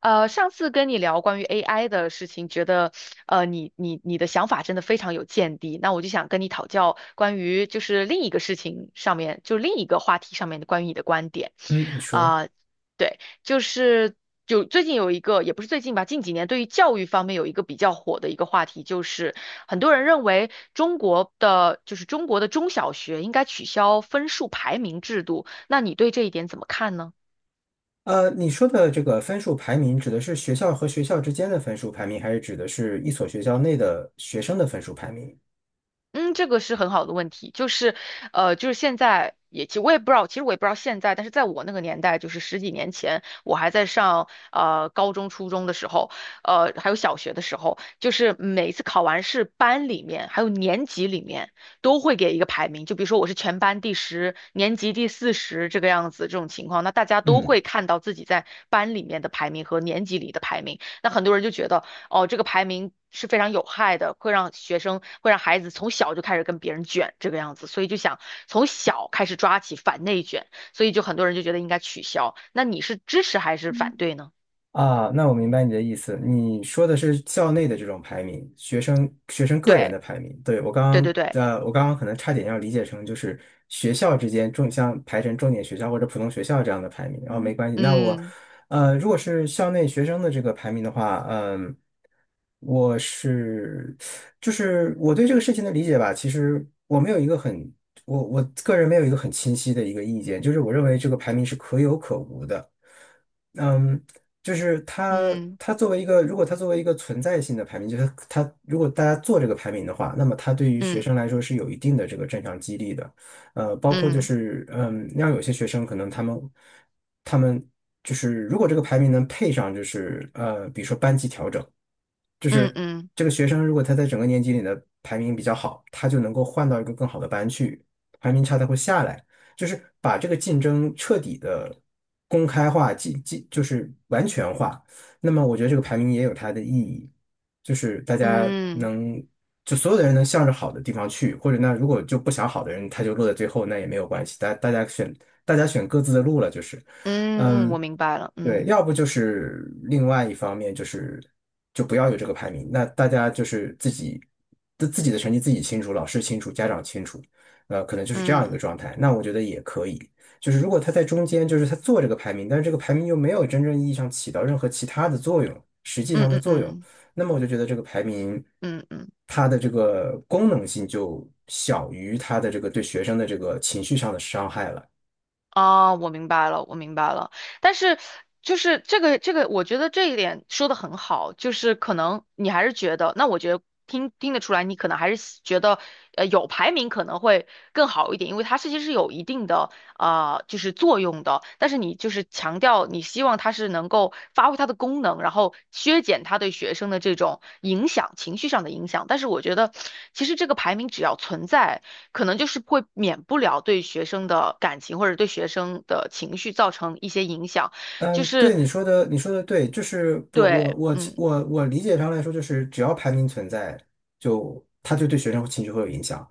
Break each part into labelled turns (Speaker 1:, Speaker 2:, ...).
Speaker 1: 上次跟你聊关于 AI 的事情，觉得你的想法真的非常有见地。那我就想跟你讨教关于就是另一个事情上面，就另一个话题上面的关于你的观点。
Speaker 2: 嗯，你说。
Speaker 1: 啊、对，就是最近有一个，也不是最近吧，近几年对于教育方面有一个比较火的一个话题，就是很多人认为中国的中小学应该取消分数排名制度。那你对这一点怎么看呢？
Speaker 2: 你说的这个分数排名指的是学校和学校之间的分数排名，还是指的是一所学校内的学生的分数排名？
Speaker 1: 嗯，这个是很好的问题，就是，就是现在也，其实我也不知道，其实我也不知道现在，但是在我那个年代，就是十几年前，我还在上高中、初中的时候，还有小学的时候，就是每次考完试，班里面还有年级里面都会给一个排名，就比如说我是全班第十，年级第四十这个样子，这种情况，那大家都
Speaker 2: 嗯。
Speaker 1: 会看到自己在班里面的排名和年级里的排名，那很多人就觉得。哦，这个排名是非常有害的，会让学生，会让孩子从小就开始跟别人卷这个样子，所以就想从小开始抓起反内卷，所以就很多人就觉得应该取消。那你是支持还是反对呢？
Speaker 2: 啊，那我明白你的意思。你说的是校内的这种排名，学生个人
Speaker 1: 对，
Speaker 2: 的排名。对，
Speaker 1: 对对对，
Speaker 2: 我刚刚可能差点要理解成就是学校之间重像排成重点学校或者普通学校这样的排名。哦，没关系。
Speaker 1: 嗯
Speaker 2: 如果是校内学生的这个排名的话，嗯，我是就是我对这个事情的理解吧，其实我个人没有一个很清晰的一个意见，就是我认为这个排名是可有可无的。嗯，就是它，
Speaker 1: 嗯
Speaker 2: 它作为一个，如果它作为一个存在性的排名，就是它，它如果大家做这个排名的话，那么它对于学
Speaker 1: 嗯
Speaker 2: 生来说是有一定的这个正向激励的。包括就
Speaker 1: 嗯
Speaker 2: 是，嗯，让有些学生可能他们，他们就是如果这个排名能配上，比如说班级调整。就
Speaker 1: 嗯
Speaker 2: 是
Speaker 1: 嗯
Speaker 2: 这个学生如果他在整个年级里的排名比较好，他就能够换到一个更好的班去，排名差他会下来。就是把这个竞争彻底的公开化，就是完全化。那么我觉得这个排名也有它的意义，就是大家
Speaker 1: 嗯
Speaker 2: 能就所有的人能向着好的地方去，或者那如果就不想好的人他就落在最后，那也没有关系，大家选各自的路了，就是。
Speaker 1: 嗯，嗯我
Speaker 2: 嗯，
Speaker 1: 明白了，
Speaker 2: 对，
Speaker 1: 嗯
Speaker 2: 要不就是另外一方面就是就不要有这个排名，那大家就是自己的成绩自己清楚，老师清楚，家长清楚，呃，可能就是这样一
Speaker 1: 嗯
Speaker 2: 个状态。那我觉得也可以，就是如果他在中间，就是他做这个排名，但是这个排名又没有真正意义上起到任何其他的作用，实际
Speaker 1: 嗯
Speaker 2: 上的
Speaker 1: 嗯
Speaker 2: 作用，
Speaker 1: 嗯
Speaker 2: 那么我就觉得这个排名
Speaker 1: 嗯嗯。
Speaker 2: 它的这个功能性就小于它的这个对学生的这个情绪上的伤害了。
Speaker 1: 啊，我明白了，我明白了。但是，就是这个，我觉得这一点说的很好，就是可能你还是觉得，那我觉得听得出来，你可能还是觉得，有排名可能会更好一点，因为它是其实际是有一定的。啊，就是作用的，但是你就是强调你希望它是能够发挥它的功能，然后削减它对学生的这种影响，情绪上的影响。但是我觉得，其实这个排名只要存在，可能就是会免不了对学生的感情或者对学生的情绪造成一些影响，
Speaker 2: 嗯，
Speaker 1: 就
Speaker 2: 对
Speaker 1: 是
Speaker 2: 你说的，你说的对，就是不，我
Speaker 1: 对，
Speaker 2: 我其
Speaker 1: 嗯，
Speaker 2: 我我理解上来说，就是只要排名存在，就他就对学生情绪会有影响。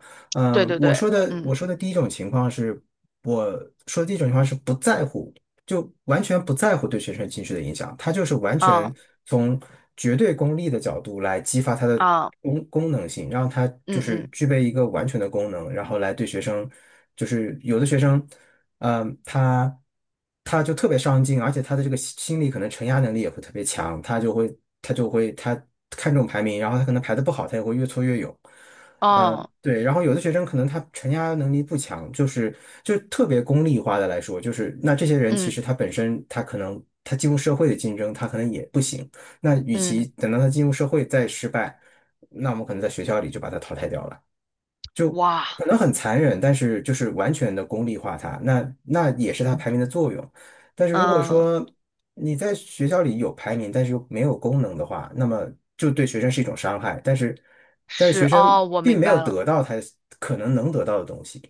Speaker 1: 对
Speaker 2: 嗯，
Speaker 1: 对对，
Speaker 2: 我
Speaker 1: 嗯，
Speaker 2: 说的第一种情况是，我说的第一种情况是不在乎，就完全不在乎对学生情绪的影响，他就是完全
Speaker 1: 啊
Speaker 2: 从绝对功利的角度来激发它的
Speaker 1: 啊，
Speaker 2: 功能性，让它就
Speaker 1: 嗯
Speaker 2: 是
Speaker 1: 嗯，
Speaker 2: 具备一个完全的功能，然后来对学生，就是有的学生。嗯，他他就特别上进，而且他的这个心理可能承压能力也会特别强，他就会他就会他看重排名，然后他可能排的不好，他也会越挫越勇。嗯，
Speaker 1: 哦，
Speaker 2: 对，然后有的学生可能他承压能力不强，就是就特别功利化的来说，就是那这些人其
Speaker 1: 嗯
Speaker 2: 实他本身他可能他进入社会的竞争他可能也不行，那与
Speaker 1: 嗯，
Speaker 2: 其
Speaker 1: 嗯
Speaker 2: 等到他进入社会再失败，那我们可能在学校里就把他淘汰掉了。
Speaker 1: 哇，
Speaker 2: 可能很残忍，但是就是完全的功利化它，那也是它排名的作用。但是如果
Speaker 1: 嗯，
Speaker 2: 说你在学校里有排名，但是又没有功能的话，那么就对学生是一种伤害。但是但是学
Speaker 1: 是
Speaker 2: 生
Speaker 1: 哦，我
Speaker 2: 并
Speaker 1: 明
Speaker 2: 没有
Speaker 1: 白了。
Speaker 2: 得到他可能能得到的东西。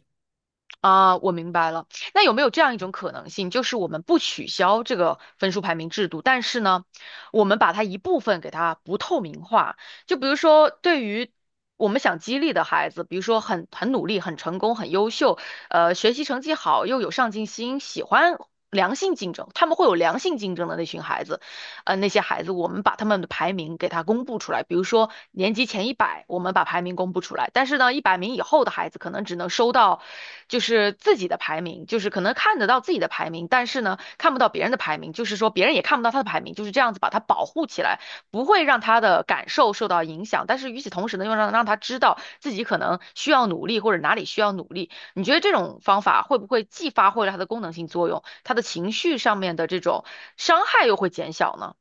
Speaker 1: 啊，我明白了。那有没有这样一种可能性，就是我们不取消这个分数排名制度，但是呢，我们把它一部分给它不透明化？就比如说，对于我们想激励的孩子，比如说很努力、很成功、很优秀，学习成绩好又有上进心，喜欢良性竞争，他们会有良性竞争的那群孩子。那些孩子，我们把他们的排名给他公布出来。比如说年级前一百，我们把排名公布出来，但是呢，一百名以后的孩子可能只能收到就是自己的排名，就是可能看得到自己的排名，但是呢看不到别人的排名，就是说别人也看不到他的排名，就是这样子把他保护起来，不会让他的感受受到影响。但是与此同时呢，又让他知道自己可能需要努力或者哪里需要努力。你觉得这种方法会不会既发挥了它的功能性作用，他的情绪上面的这种伤害又会减小呢？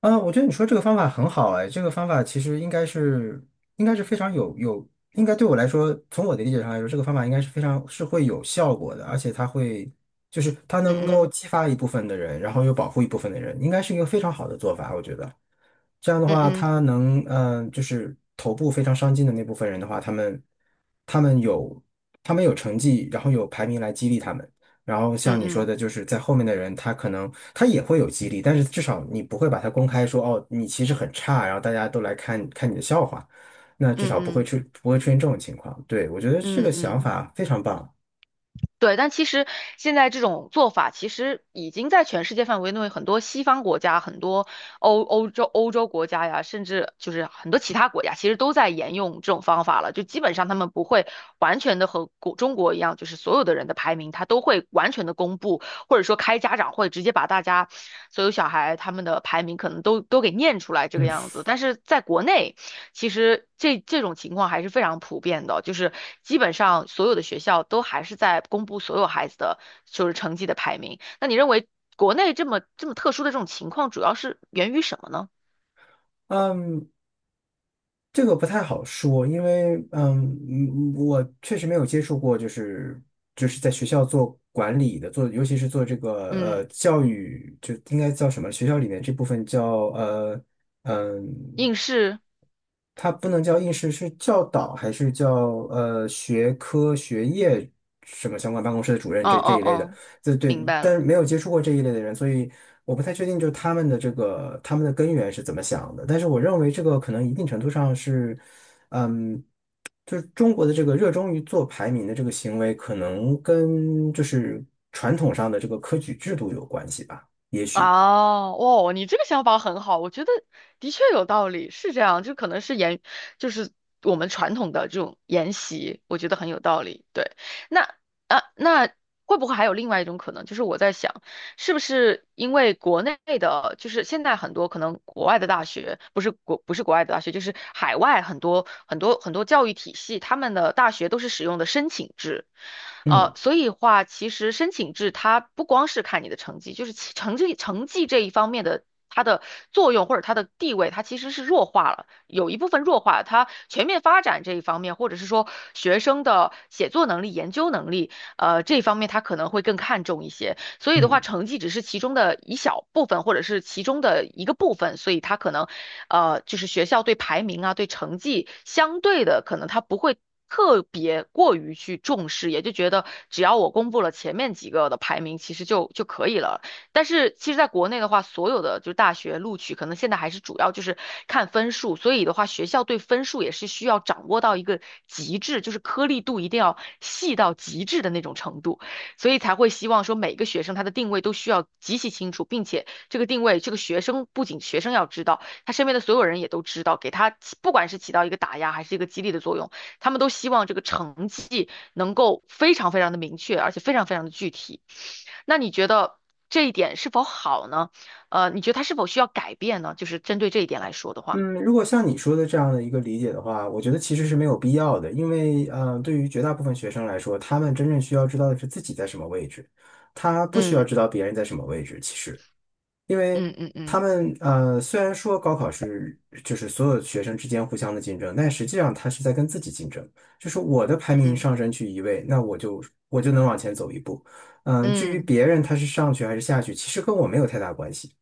Speaker 2: 啊，我觉得你说这个方法很好哎，这个方法其实应该是非常对我来说，从我的理解上来说，这个方法应该是非常是会有效果的，而且它会就是它能够
Speaker 1: 嗯
Speaker 2: 激发一部分的人，然后又保护一部分的人，应该是一个非常好的做法，我觉得。这样的
Speaker 1: 嗯
Speaker 2: 话，
Speaker 1: 嗯
Speaker 2: 他能嗯、呃就是头部非常上进的那部分人的话，他们他们有成绩，然后有排名来激励他们。然后
Speaker 1: 嗯
Speaker 2: 像
Speaker 1: 嗯
Speaker 2: 你说
Speaker 1: 嗯
Speaker 2: 的，就是在后面的人，他可能他也会有激励，但是至少你不会把它公开说，哦，你其实很差，然后大家都来看看你的笑话，那至少
Speaker 1: 嗯
Speaker 2: 不会出现这种情况。对，我觉得这个
Speaker 1: 嗯嗯，
Speaker 2: 想
Speaker 1: 嗯
Speaker 2: 法非常棒。
Speaker 1: 对。但其实现在这种做法，其实已经在全世界范围内，很多西方国家、很多欧洲国家呀，甚至就是很多其他国家，其实都在沿用这种方法了。就基本上他们不会完全的和中国一样，就是所有的人的排名，他都会完全的公布，或者说开家长会，直接把大家所有小孩他们的排名可能都给念出来这个样子。但是在国内，其实这种情况还是非常普遍的，就是基本上所有的学校都还是在公布所有孩子的就是成绩的排名。那你认为国内这么特殊的这种情况，主要是源于什么呢？
Speaker 2: 嗯，这个不太好说，因为我确实没有接触过，就是就是在学校做管理的，做尤其是做这个
Speaker 1: 嗯，
Speaker 2: 呃教育，就应该叫什么？学校里面这部分叫呃。嗯，
Speaker 1: 应试，
Speaker 2: 他不能叫应试，是教导还是叫学科学业什么相关办公室的主任
Speaker 1: 嗯
Speaker 2: 这
Speaker 1: 嗯
Speaker 2: 一类的？
Speaker 1: 嗯，
Speaker 2: 这对，
Speaker 1: 明白
Speaker 2: 但
Speaker 1: 了。
Speaker 2: 是没有接触过这一类的人，所以我不太确定，就是他们的根源是怎么想的。但是我认为这个可能一定程度上是，嗯，就是中国的这个热衷于做排名的这个行为，可能跟就是传统上的这个科举制度有关系吧。
Speaker 1: 啊，哦，你这个想法很好，我觉得的确有道理，是这样，就可能是沿，就是我们传统的这种沿袭，我觉得很有道理。对，那啊，那会不会还有另外一种可能，就是我在想。是不是因为国内的，就是现在很多可能国外的大学，不是国外的大学，就是海外很多很多很多教育体系，他们的大学都是使用的申请制，呃，
Speaker 2: 嗯
Speaker 1: 所以话其实申请制它不光是看你的成绩，就是其成绩这一方面的。它的作用或者它的地位，它其实是弱化了，有一部分弱化了它全面发展这一方面，或者是说学生的写作能力、研究能力，这一方面它可能会更看重一些。所以的话，
Speaker 2: 嗯。
Speaker 1: 成绩只是其中的一小部分，或者是其中的一个部分，所以他可能，就是学校对排名啊，对成绩相对的，可能他不会。特别过于去重视，也就觉得只要我公布了前面几个的排名，其实就可以了。但是其实在国内的话，所有的就是大学录取，可能现在还是主要就是看分数，所以的话，学校对分数也是需要掌握到一个极致，就是颗粒度一定要细到极致的那种程度。所以才会希望说每个学生他的定位都需要极其清楚，并且这个定位，这个学生不仅学生要知道，他身边的所有人也都知道，给他起不管是起到一个打压还是一个激励的作用，他们都希望这个成绩能够非常非常的明确，而且非常非常的具体。那你觉得这一点是否好呢？你觉得他是否需要改变呢？就是针对这一点来说的话，
Speaker 2: 嗯，如果像你说的这样的一个理解的话，我觉得其实是没有必要的，因为对于绝大部分学生来说，他们真正需要知道的是自己在什么位置，他不需要
Speaker 1: 嗯
Speaker 2: 知道别人在什么位置。其实，因为
Speaker 1: 嗯嗯
Speaker 2: 他
Speaker 1: 嗯
Speaker 2: 们虽然说高考是就是所有学生之间互相的竞争，但实际上他是在跟自己竞争，就是我的排名
Speaker 1: 嗯
Speaker 2: 上升去一位，那我就我就能往前走一步。嗯，至
Speaker 1: 嗯，
Speaker 2: 于
Speaker 1: 嗯
Speaker 2: 别人他是上去还是下去，其实跟我没有太大关系。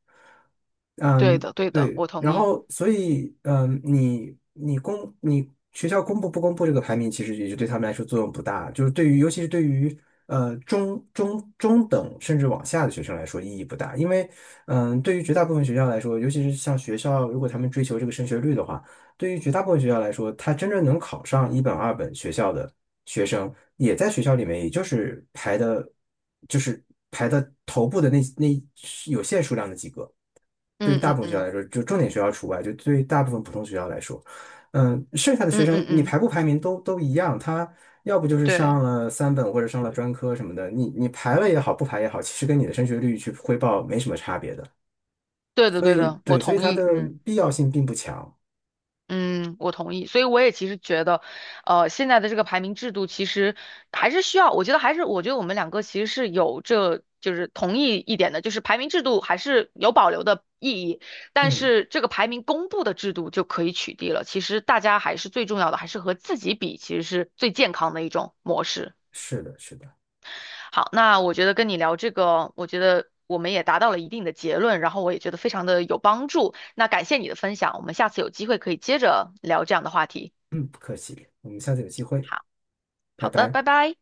Speaker 1: 对
Speaker 2: 嗯，
Speaker 1: 的对的，
Speaker 2: 对，
Speaker 1: 我同
Speaker 2: 然
Speaker 1: 意。
Speaker 2: 后所以，嗯，你学校公布不公布这个排名，其实也就对他们来说作用不大，就是对于尤其是对于中等甚至往下的学生来说意义不大，因为嗯，对于绝大部分学校来说，尤其是像学校如果他们追求这个升学率的话，对于绝大部分学校来说，他真正能考上一本二本学校的学生，也在学校里面，也就是排的，就是排的头部的那有限数量的几个。对于
Speaker 1: 嗯
Speaker 2: 大
Speaker 1: 嗯
Speaker 2: 部分学校
Speaker 1: 嗯
Speaker 2: 来说，就重点学校除外，就对于大部分普通学校来说，嗯，剩下的学
Speaker 1: 嗯嗯
Speaker 2: 生你
Speaker 1: 嗯，
Speaker 2: 排不排名都一样，他要不就是
Speaker 1: 对。
Speaker 2: 上了三本或者上了专科什么的，你排了也好，不排也好，其实跟你的升学率去汇报没什么差别的，
Speaker 1: 对的，
Speaker 2: 所
Speaker 1: 对
Speaker 2: 以
Speaker 1: 的，我
Speaker 2: 对，所以
Speaker 1: 同
Speaker 2: 它
Speaker 1: 意，
Speaker 2: 的
Speaker 1: 嗯
Speaker 2: 必要性并不强。
Speaker 1: 嗯，我同意。所以我也其实觉得，现在的这个排名制度其实还是需要，我觉得还是，我觉得我们两个其实是有这就是同意一点的，就是排名制度还是有保留的意义，但
Speaker 2: 嗯，
Speaker 1: 是这个排名公布的制度就可以取缔了。其实大家还是最重要的，还是和自己比，其实是最健康的一种模式。
Speaker 2: 是的，是的，
Speaker 1: 好，那我觉得跟你聊这个，我觉得我们也达到了一定的结论，然后我也觉得非常的有帮助。那感谢你的分享，我们下次有机会可以接着聊这样的话题。
Speaker 2: 嗯，不客气，我们下次有机会，
Speaker 1: 好，
Speaker 2: 拜
Speaker 1: 好的，
Speaker 2: 拜。
Speaker 1: 拜拜。